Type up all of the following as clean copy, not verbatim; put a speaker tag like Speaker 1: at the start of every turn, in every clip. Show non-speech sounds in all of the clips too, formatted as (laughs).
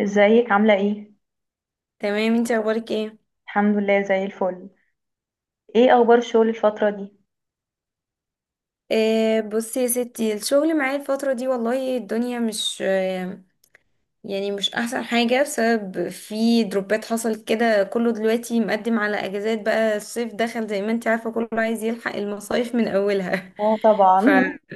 Speaker 1: ازيك عاملة ايه؟
Speaker 2: تمام، انتي اخبارك ايه؟
Speaker 1: الحمد لله زي الفل. ايه اخبار الشغل الفترة دي؟
Speaker 2: بصي يا ستي، الشغل معايا الفترة دي والله الدنيا مش يعني مش احسن حاجة، بسبب في دروبات حصلت كده. كله دلوقتي مقدم على اجازات، بقى الصيف دخل زي ما انتي عارفة، كله عايز يلحق المصايف من اولها.
Speaker 1: اه، طبعا. (laughs)
Speaker 2: (laughs)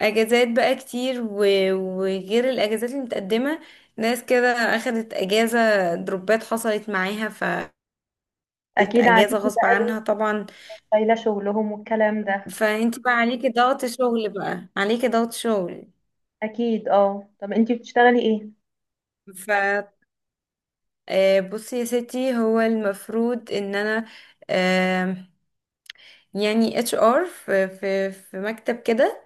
Speaker 2: فاجازات بقى كتير، و- وغير الاجازات اللي متقدمة، ناس كده اخدت اجازة دروبات حصلت معاها ف
Speaker 1: اكيد عليكي
Speaker 2: اجازة غصب
Speaker 1: بقى
Speaker 2: عنها
Speaker 1: لود،
Speaker 2: طبعا.
Speaker 1: شايلة شغلهم والكلام ده.
Speaker 2: فانت بقى عليكي ضغط شغل، بقى عليكي ضغط شغل.
Speaker 1: اكيد اه. طب انتي بتشتغلي ايه؟
Speaker 2: ف بصي يا ستي، هو المفروض ان انا آه، يعني اتش ار في مكتب كده،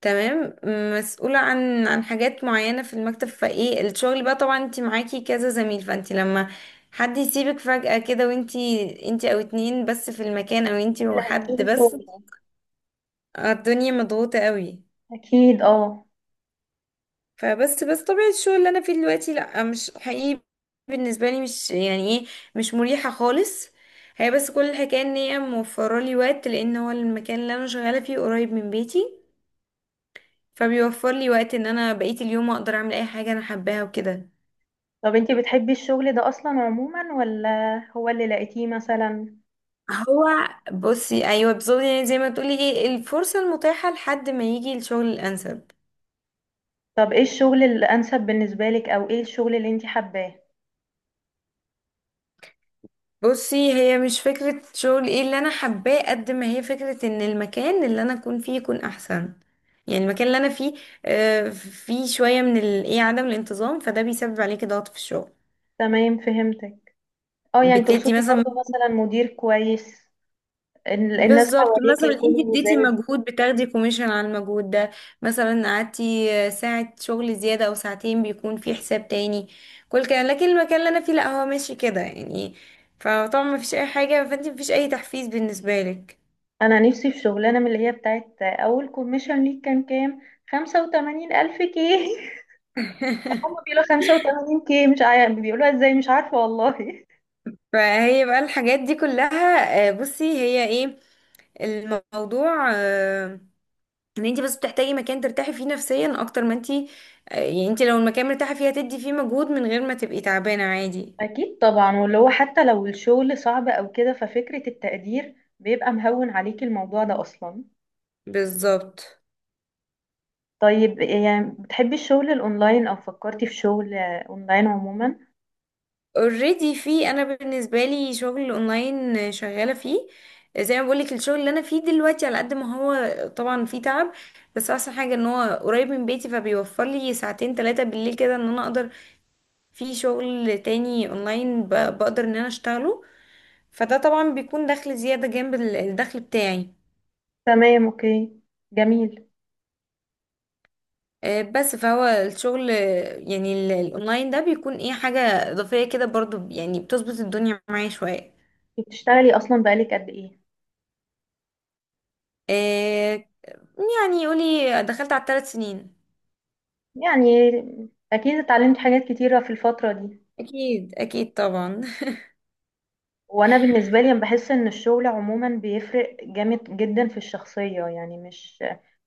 Speaker 2: تمام. مسؤولة عن حاجات معينة في المكتب، فايه الشغل بقى طبعا. انت معاكي كذا زميل، فانت لما حد يسيبك فجأة كده، وانتي انتي او اتنين بس في المكان، او انتي
Speaker 1: لا،
Speaker 2: وحد
Speaker 1: شغل
Speaker 2: بس.
Speaker 1: شغل.
Speaker 2: الدنيا مضغوطة قوي.
Speaker 1: اكيد اه.
Speaker 2: فبس طبيعة الشغل اللي انا فيه دلوقتي لا مش حقيقي بالنسبة لي، مش يعني ايه، مش مريحة خالص. هي بس كل الحكاية ان هي موفرة لي وقت، لان هو المكان اللي انا شغالة فيه قريب من بيتي، فبيوفر لي وقت ان انا بقية اليوم اقدر اعمل اي حاجة انا حباها وكده.
Speaker 1: طب انتي بتحبي الشغل ده اصلا عموما، ولا هو اللي لقيتيه مثلا؟
Speaker 2: هو بصي ايوه بالظبط، يعني زي ما تقولي ايه، الفرصة المتاحة لحد ما يجي الشغل الانسب.
Speaker 1: طب ايه الشغل الانسب بالنسبة لك، او ايه الشغل اللي انتي حباه؟
Speaker 2: بصي هي مش فكرة شغل ايه اللي انا حباه، قد ما هي فكرة ان المكان اللي انا اكون فيه يكون احسن. يعني المكان اللي انا فيه فيه شوية من ال- ايه عدم الانتظام، فده بيسبب عليكي ضغط في الشغل.
Speaker 1: تمام، فهمتك. اه، يعني
Speaker 2: بتدي
Speaker 1: تقصدي
Speaker 2: مثلا،
Speaker 1: برضو مثلا مدير كويس، الناس
Speaker 2: بالظبط
Speaker 1: حواليك
Speaker 2: مثلا انت
Speaker 1: يكونوا
Speaker 2: اديتي
Speaker 1: لزاز.
Speaker 2: مجهود بتاخدي كوميشن على المجهود ده. مثلا قعدتي ساعة شغل زيادة او ساعتين، بيكون في حساب تاني، كل كده. لكن المكان اللي انا فيه لا، هو ماشي كده يعني. فطبعا مفيش اي حاجة، فانت مفيش اي تحفيز بالنسبة لك.
Speaker 1: انا نفسي في شغلانه من اللي هي بتاعت اول كوميشن ليك كان كام، 85,000 كي. (laughs) هم
Speaker 2: (laughs)
Speaker 1: بيقولوا 85 كي، مش عارف بيقولوها ازاي، مش عارفه والله.
Speaker 2: فهي بقى الحاجات دي كلها بصي هي ايه الموضوع ان انت بس بتحتاجي مكان ترتاحي فيه نفسيا، اكتر ما انت يعني انت لو المكان مرتاحه فيه، هتدي فيه مجهود من غير ما تبقي تعبانه عادي.
Speaker 1: (laughs) اكيد طبعا، واللي هو حتى لو الشغل صعب او كده ففكره التقدير بيبقى مهون عليكي الموضوع ده اصلا.
Speaker 2: بالظبط.
Speaker 1: طيب يعني بتحبي الشغل الاونلاين، او فكرتي في شغل اونلاين عموما؟
Speaker 2: اوريدي، في انا بالنسبه لي شغل اونلاين شغاله فيه. زي ما بقولك الشغل اللي انا فيه دلوقتي، على قد ما هو طبعا فيه تعب، بس احسن حاجه ان هو قريب من بيتي، فبيوفر لي ساعتين ثلاثه بالليل كده ان انا اقدر في شغل تاني اونلاين بقدر ان انا اشتغله. فده طبعا بيكون دخل زيادة جنب الدخل بتاعي.
Speaker 1: تمام، اوكي. جميل.
Speaker 2: بس فهو الشغل يعني الاونلاين ده بيكون ايه، حاجة اضافية كده برضو، يعني بتظبط الدنيا معايا شوية.
Speaker 1: بتشتغلي اصلا بقالك قد ايه؟
Speaker 2: آه، يعني قولي دخلت على الثلاث سنين.
Speaker 1: يعني اكيد اتعلمتي حاجات كتيره في الفتره دي.
Speaker 2: اكيد طبعا.
Speaker 1: وانا بالنسبه لي بحس ان الشغل عموما بيفرق جامد جدا في الشخصيه، يعني مش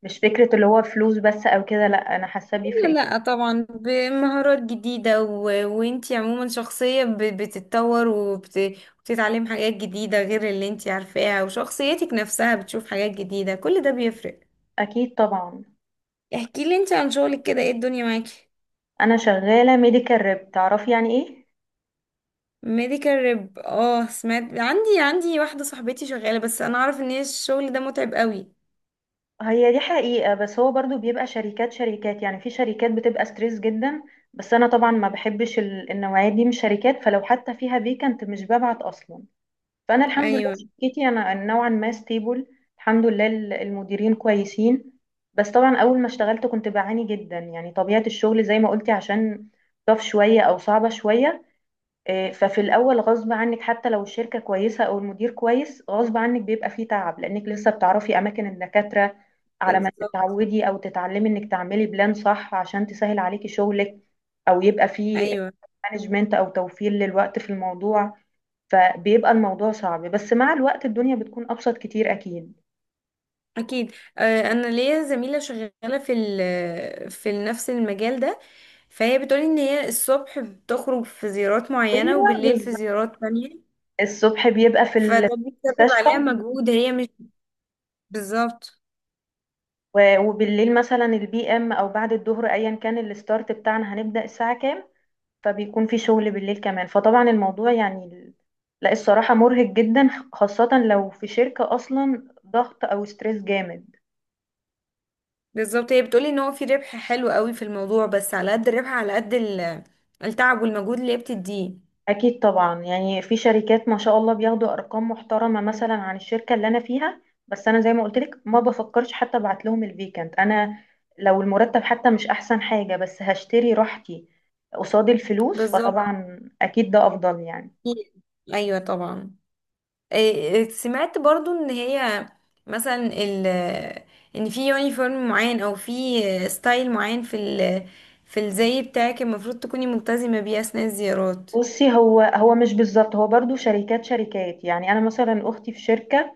Speaker 1: مش فكره اللي هو فلوس بس او كده، لا انا حاسه
Speaker 2: لا
Speaker 1: بيفرق جدا.
Speaker 2: لا طبعا، بمهارات جديدة و... وانتي عموما شخصية ب... بتتطور، وبت... وبتتعلم حاجات جديدة غير اللي انتي عارفاها، وشخصيتك نفسها بتشوف حاجات جديدة، كل ده بيفرق.
Speaker 1: اكيد طبعا.
Speaker 2: احكي لي انتي عن شغلك كده، ايه الدنيا معاكي؟
Speaker 1: انا شغاله ميديكال ريب، تعرفي يعني ايه؟
Speaker 2: ميديكال ريب، اه سمعت، عندي واحدة صاحبتي شغالة، بس انا اعرف ان هي الشغل ده متعب قوي.
Speaker 1: هي دي حقيقه، بس هو برضو بيبقى شركات شركات، يعني في شركات بتبقى ستريس جدا، بس انا طبعا ما بحبش النوعيه دي من الشركات، فلو حتى فيها فيكنت مش ببعت اصلا. فانا الحمد لله
Speaker 2: ايوه
Speaker 1: شركتي انا نوعا ما ستيبل، الحمد لله. المديرين كويسين. بس طبعا اول ما اشتغلت كنت بعاني جدا، يعني طبيعة الشغل زي ما قلتي، عشان طف شوية او صعبة شوية. ففي الاول غصب عنك حتى لو الشركة كويسة او المدير كويس، غصب عنك بيبقى فيه تعب، لانك لسه بتعرفي اماكن الدكاترة على ما
Speaker 2: بالظبط.
Speaker 1: تتعودي او تتعلمي انك تعملي بلان صح عشان تسهل عليكي شغلك، او يبقى فيه
Speaker 2: ايوه
Speaker 1: مانجمنت او توفير للوقت في الموضوع. فبيبقى الموضوع صعب، بس مع الوقت الدنيا بتكون أبسط كتير أكيد.
Speaker 2: اكيد. انا ليا زميله شغاله في نفس المجال ده، فهي بتقولي ان هي الصبح بتخرج في زيارات معينه،
Speaker 1: ايوه
Speaker 2: وبالليل في
Speaker 1: بالظبط.
Speaker 2: زيارات تانية،
Speaker 1: الصبح بيبقى في
Speaker 2: فده بيسبب
Speaker 1: المستشفى،
Speaker 2: عليها مجهود هي مش بالظبط.
Speaker 1: و- وبالليل مثلا البي ام او بعد الظهر، ايا كان الستارت بتاعنا هنبدأ الساعة كام، فبيكون في شغل بالليل كمان، فطبعا الموضوع يعني لا الصراحة مرهق جدا، خاصة لو في شركة اصلا ضغط او ستريس جامد.
Speaker 2: بالظبط، هي بتقولي ان هو في ربح حلو قوي في الموضوع، بس على قد الربح على قد التعب والمجهود اللي هي بتديه.
Speaker 1: اكيد طبعا، يعني في شركات ما شاء الله بياخدوا ارقام محترمه مثلا عن الشركه اللي انا فيها، بس انا زي ما قلت لك ما بفكرش حتى ابعت لهم الفيكنت انا. لو المرتب حتى مش احسن حاجه بس هشتري راحتي قصاد الفلوس،
Speaker 2: بالظبط.
Speaker 1: فطبعا اكيد ده افضل يعني.
Speaker 2: ايوه طبعا. إيه، سمعت برضو ان هي مثلا ال ان في يونيفورم معين، او في ستايل معين في ال في الزي بتاعك المفروض تكوني ملتزمة بيه اثناء الزيارات.
Speaker 1: بصي، هو مش بالظبط، هو برضو شركات شركات، يعني انا مثلا اختي في شركه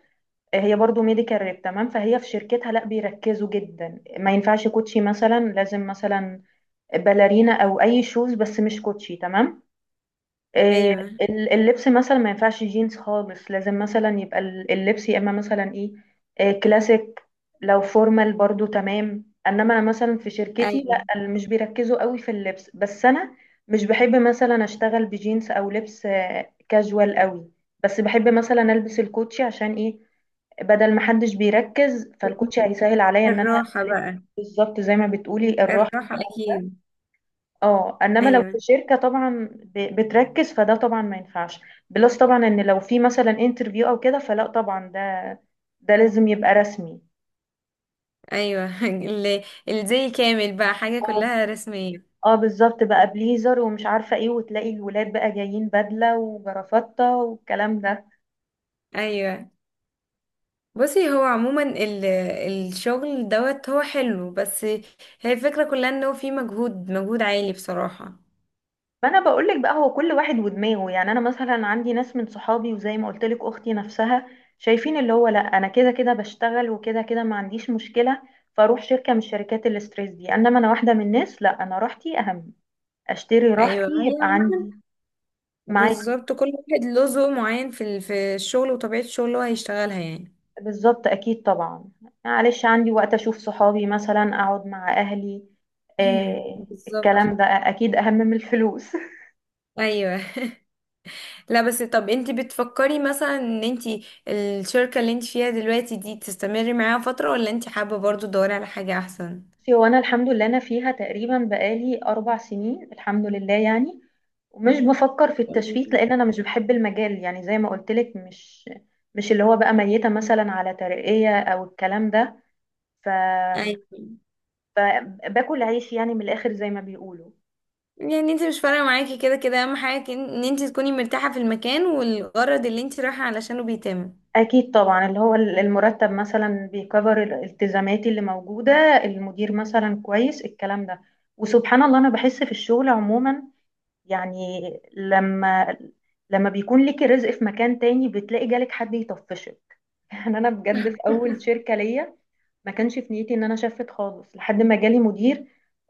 Speaker 1: هي برضو ميديكال ريب، تمام. فهي في شركتها لا، بيركزوا جدا، ما ينفعش كوتشي مثلا، لازم مثلا باليرينا او اي شوز بس مش كوتشي، تمام. آه،
Speaker 2: ايوه.
Speaker 1: اللبس مثلا ما ينفعش جينز خالص، لازم مثلا يبقى اللبس يا اما مثلا ايه، كلاسيك، لو فورمال برضو تمام. انما انا مثلا في شركتي
Speaker 2: ايوه.
Speaker 1: لا، مش بيركزوا قوي في اللبس، بس انا مش بحب مثلا اشتغل بجينز او لبس كاجوال قوي. بس بحب مثلا البس الكوتشي عشان ايه، بدل ما حدش بيركز فالكوتشي هيسهل عليا ان انا
Speaker 2: الراحة
Speaker 1: الف.
Speaker 2: بقى.
Speaker 1: بالظبط، زي ما بتقولي الراحة.
Speaker 2: الراحة اكيد.
Speaker 1: اه، انما لو في
Speaker 2: ايوه.
Speaker 1: شركه طبعا بتركز فده طبعا ما ينفعش. بلس طبعا، ان لو في مثلا انترفيو او كده فلا طبعا، ده لازم يبقى رسمي.
Speaker 2: ايوه. (laughs) الزي كامل بقى، حاجة
Speaker 1: اه،
Speaker 2: كلها رسمية.
Speaker 1: اه بالظبط بقى، بليزر ومش عارفه ايه، وتلاقي الولاد بقى جايين بدله وجرافطه والكلام ده.
Speaker 2: ايوه. بصي هو عموما ال الشغل دوت هو حلو، بس هي الفكرة كلها انه في مجهود عالي بصراحة.
Speaker 1: فانا بقول لك بقى، هو كل واحد ودماغه، يعني انا مثلا عندي ناس من صحابي وزي ما قلت لك اختي نفسها، شايفين اللي هو لا انا كده كده بشتغل وكده كده ما عنديش مشكله، فاروح شركه من شركات الاستريس دي. انما انا واحده من الناس لا، انا راحتي اهم، اشتري
Speaker 2: ايوه
Speaker 1: راحتي
Speaker 2: هي
Speaker 1: يبقى عندي. معاكي
Speaker 2: بالظبط، كل واحد له ذوق معين في الشغل وطبيعة الشغل اللي هو هيشتغلها يعني.
Speaker 1: بالظبط، اكيد طبعا. معلش عندي وقت اشوف صحابي مثلا، اقعد مع اهلي،
Speaker 2: (clears throat)
Speaker 1: آه
Speaker 2: بالظبط.
Speaker 1: الكلام ده اكيد اهم من الفلوس.
Speaker 2: ايوه. (laughs) لا بس، طب انت بتفكري مثلا ان انت الشركة اللي انت فيها دلوقتي دي تستمري معاها فترة، ولا انت حابة برضو تدوري على حاجة احسن؟
Speaker 1: (laughs) بصي، هو انا الحمد لله انا فيها تقريبا بقالي 4 سنين، الحمد لله يعني. ومش بفكر في التشفيت
Speaker 2: مم.
Speaker 1: لان انا مش بحب المجال، يعني زي ما قلت لك، مش اللي هو بقى ميتة مثلا على ترقية او الكلام ده. ف...
Speaker 2: ايوه.
Speaker 1: ف- باكل عيش يعني من الاخر زي ما بيقولوا.
Speaker 2: يعني انت مش فارقة معاكي، كده كده اهم حاجة ان انت تكوني مرتاحة في المكان والغرض اللي انت رايحة علشانه بيتم.
Speaker 1: أكيد طبعا، اللي هو المرتب مثلا بيكفر الالتزاماتي اللي موجودة، المدير مثلا كويس، الكلام ده. وسبحان الله أنا بحس في الشغل عموما يعني، لما لما بيكون ليكي رزق في مكان تاني بتلاقي جالك حد يطفشك. (laughs) يعني أنا بجد في أول شركة ليا ما كانش في نيتي إن أنا شفت خالص لحد ما جالي مدير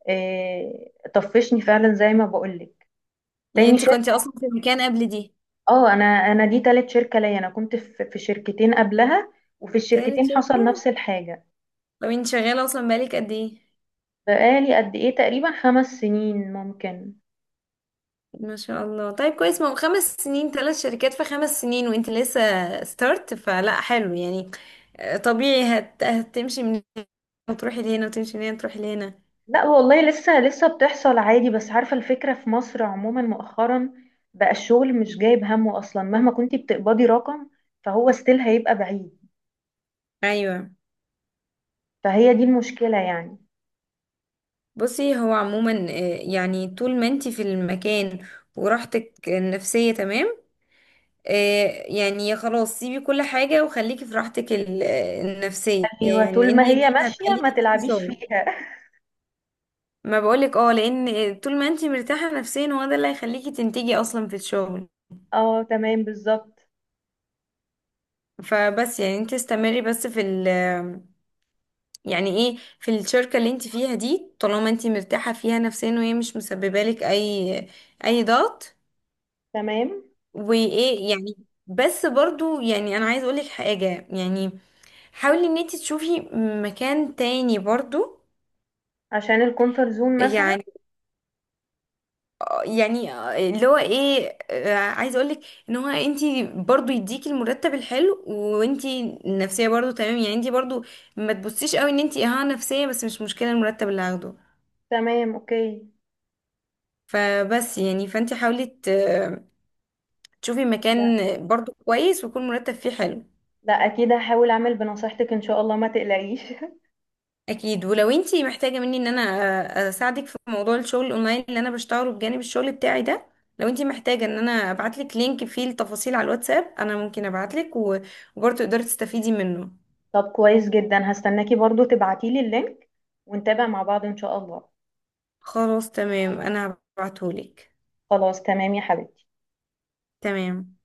Speaker 1: طفشني فعلا زي ما بقولك.
Speaker 2: يعني
Speaker 1: تاني
Speaker 2: انت كنتي
Speaker 1: شركة،
Speaker 2: اصلا في المكان قبل دي؟
Speaker 1: اه، أنا دي تالت شركة ليا، أنا كنت في شركتين قبلها، وفي
Speaker 2: تالت
Speaker 1: الشركتين
Speaker 2: شركة.
Speaker 1: حصل نفس الحاجة.
Speaker 2: طب انت شغالة اصلا بقالك قد ايه؟
Speaker 1: بقالي قد ايه؟ تقريبا 5 سنين ممكن.
Speaker 2: ما شاء الله، طيب كويس. ما هو خمس سنين، ثلاث شركات في خمس سنين وانت لسه ستارت، فلا حلو يعني. طبيعي هت... هتمشي من هنا وتروحي لهنا، وتمشي من هنا وتروحي لهنا.
Speaker 1: لا والله، لسه لسه بتحصل عادي. بس عارفة الفكرة في مصر عموما مؤخرا بقى، الشغل مش جايب همه اصلا، مهما كنتي بتقبضي رقم فهو ستيل هيبقى بعيد،
Speaker 2: ايوه.
Speaker 1: فهي دي المشكلة يعني.
Speaker 2: بصي هو عموما يعني طول ما انت في المكان وراحتك النفسية تمام، يعني يا خلاص سيبي كل حاجة وخليكي في راحتك النفسية،
Speaker 1: ايوه،
Speaker 2: يعني
Speaker 1: طول
Speaker 2: لان
Speaker 1: ما
Speaker 2: دي
Speaker 1: هي ماشية ما
Speaker 2: هتخليكي تنتجي
Speaker 1: تلعبيش
Speaker 2: شغل.
Speaker 1: فيها.
Speaker 2: ما بقولك اه، لان طول ما انت مرتاحة نفسيا هو ده اللي هيخليكي تنتجي اصلا في الشغل.
Speaker 1: (laughs) اه تمام، بالظبط.
Speaker 2: فبس يعني انت استمري بس في ال يعني ايه في الشركة اللي انت فيها دي، طالما انت مرتاحة فيها نفسيا، وهي مش مسببة لك اي اي ضغط.
Speaker 1: تمام،
Speaker 2: وايه يعني، بس برضو يعني انا عايز اقولك حاجة، يعني حاولي ان انت تشوفي مكان تاني برضو.
Speaker 1: عشان الكونفرت زون مثلا.
Speaker 2: يعني يعني اللي هو ايه، عايزه اقولك ان هو انتي برضو يديكي المرتب الحلو، وانتي النفسيه برضو تمام، يعني انتي برضو ما تبصيش قوي ان انتي اه نفسيه بس، مش مشكله المرتب اللي هاخده.
Speaker 1: تمام، اوكي.
Speaker 2: فبس يعني فانتي حاولي تشوفي
Speaker 1: لا،
Speaker 2: مكان برضو كويس، ويكون مرتب فيه حلو.
Speaker 1: لا، اكيد هحاول اعمل بنصيحتك ان شاء الله، ما تقلقيش. (laughs)
Speaker 2: اكيد، ولو انتي محتاجه مني ان انا اساعدك في موضوع الشغل الاونلاين اللي انا بشتغله بجانب الشغل بتاعي ده. لو انتي محتاجه ان انا ابعتلك لينك فيه التفاصيل على الواتساب انا ممكن ابعتلك وبرضه تقدري تستفيدي منه.
Speaker 1: طب كويس جدا، هستناكي برضو تبعتيلي اللينك ونتابع مع بعض إن شاء الله.
Speaker 2: خلاص تمام، انا هبعتهولك.
Speaker 1: خلاص تمام يا حبيبي.
Speaker 2: تمام.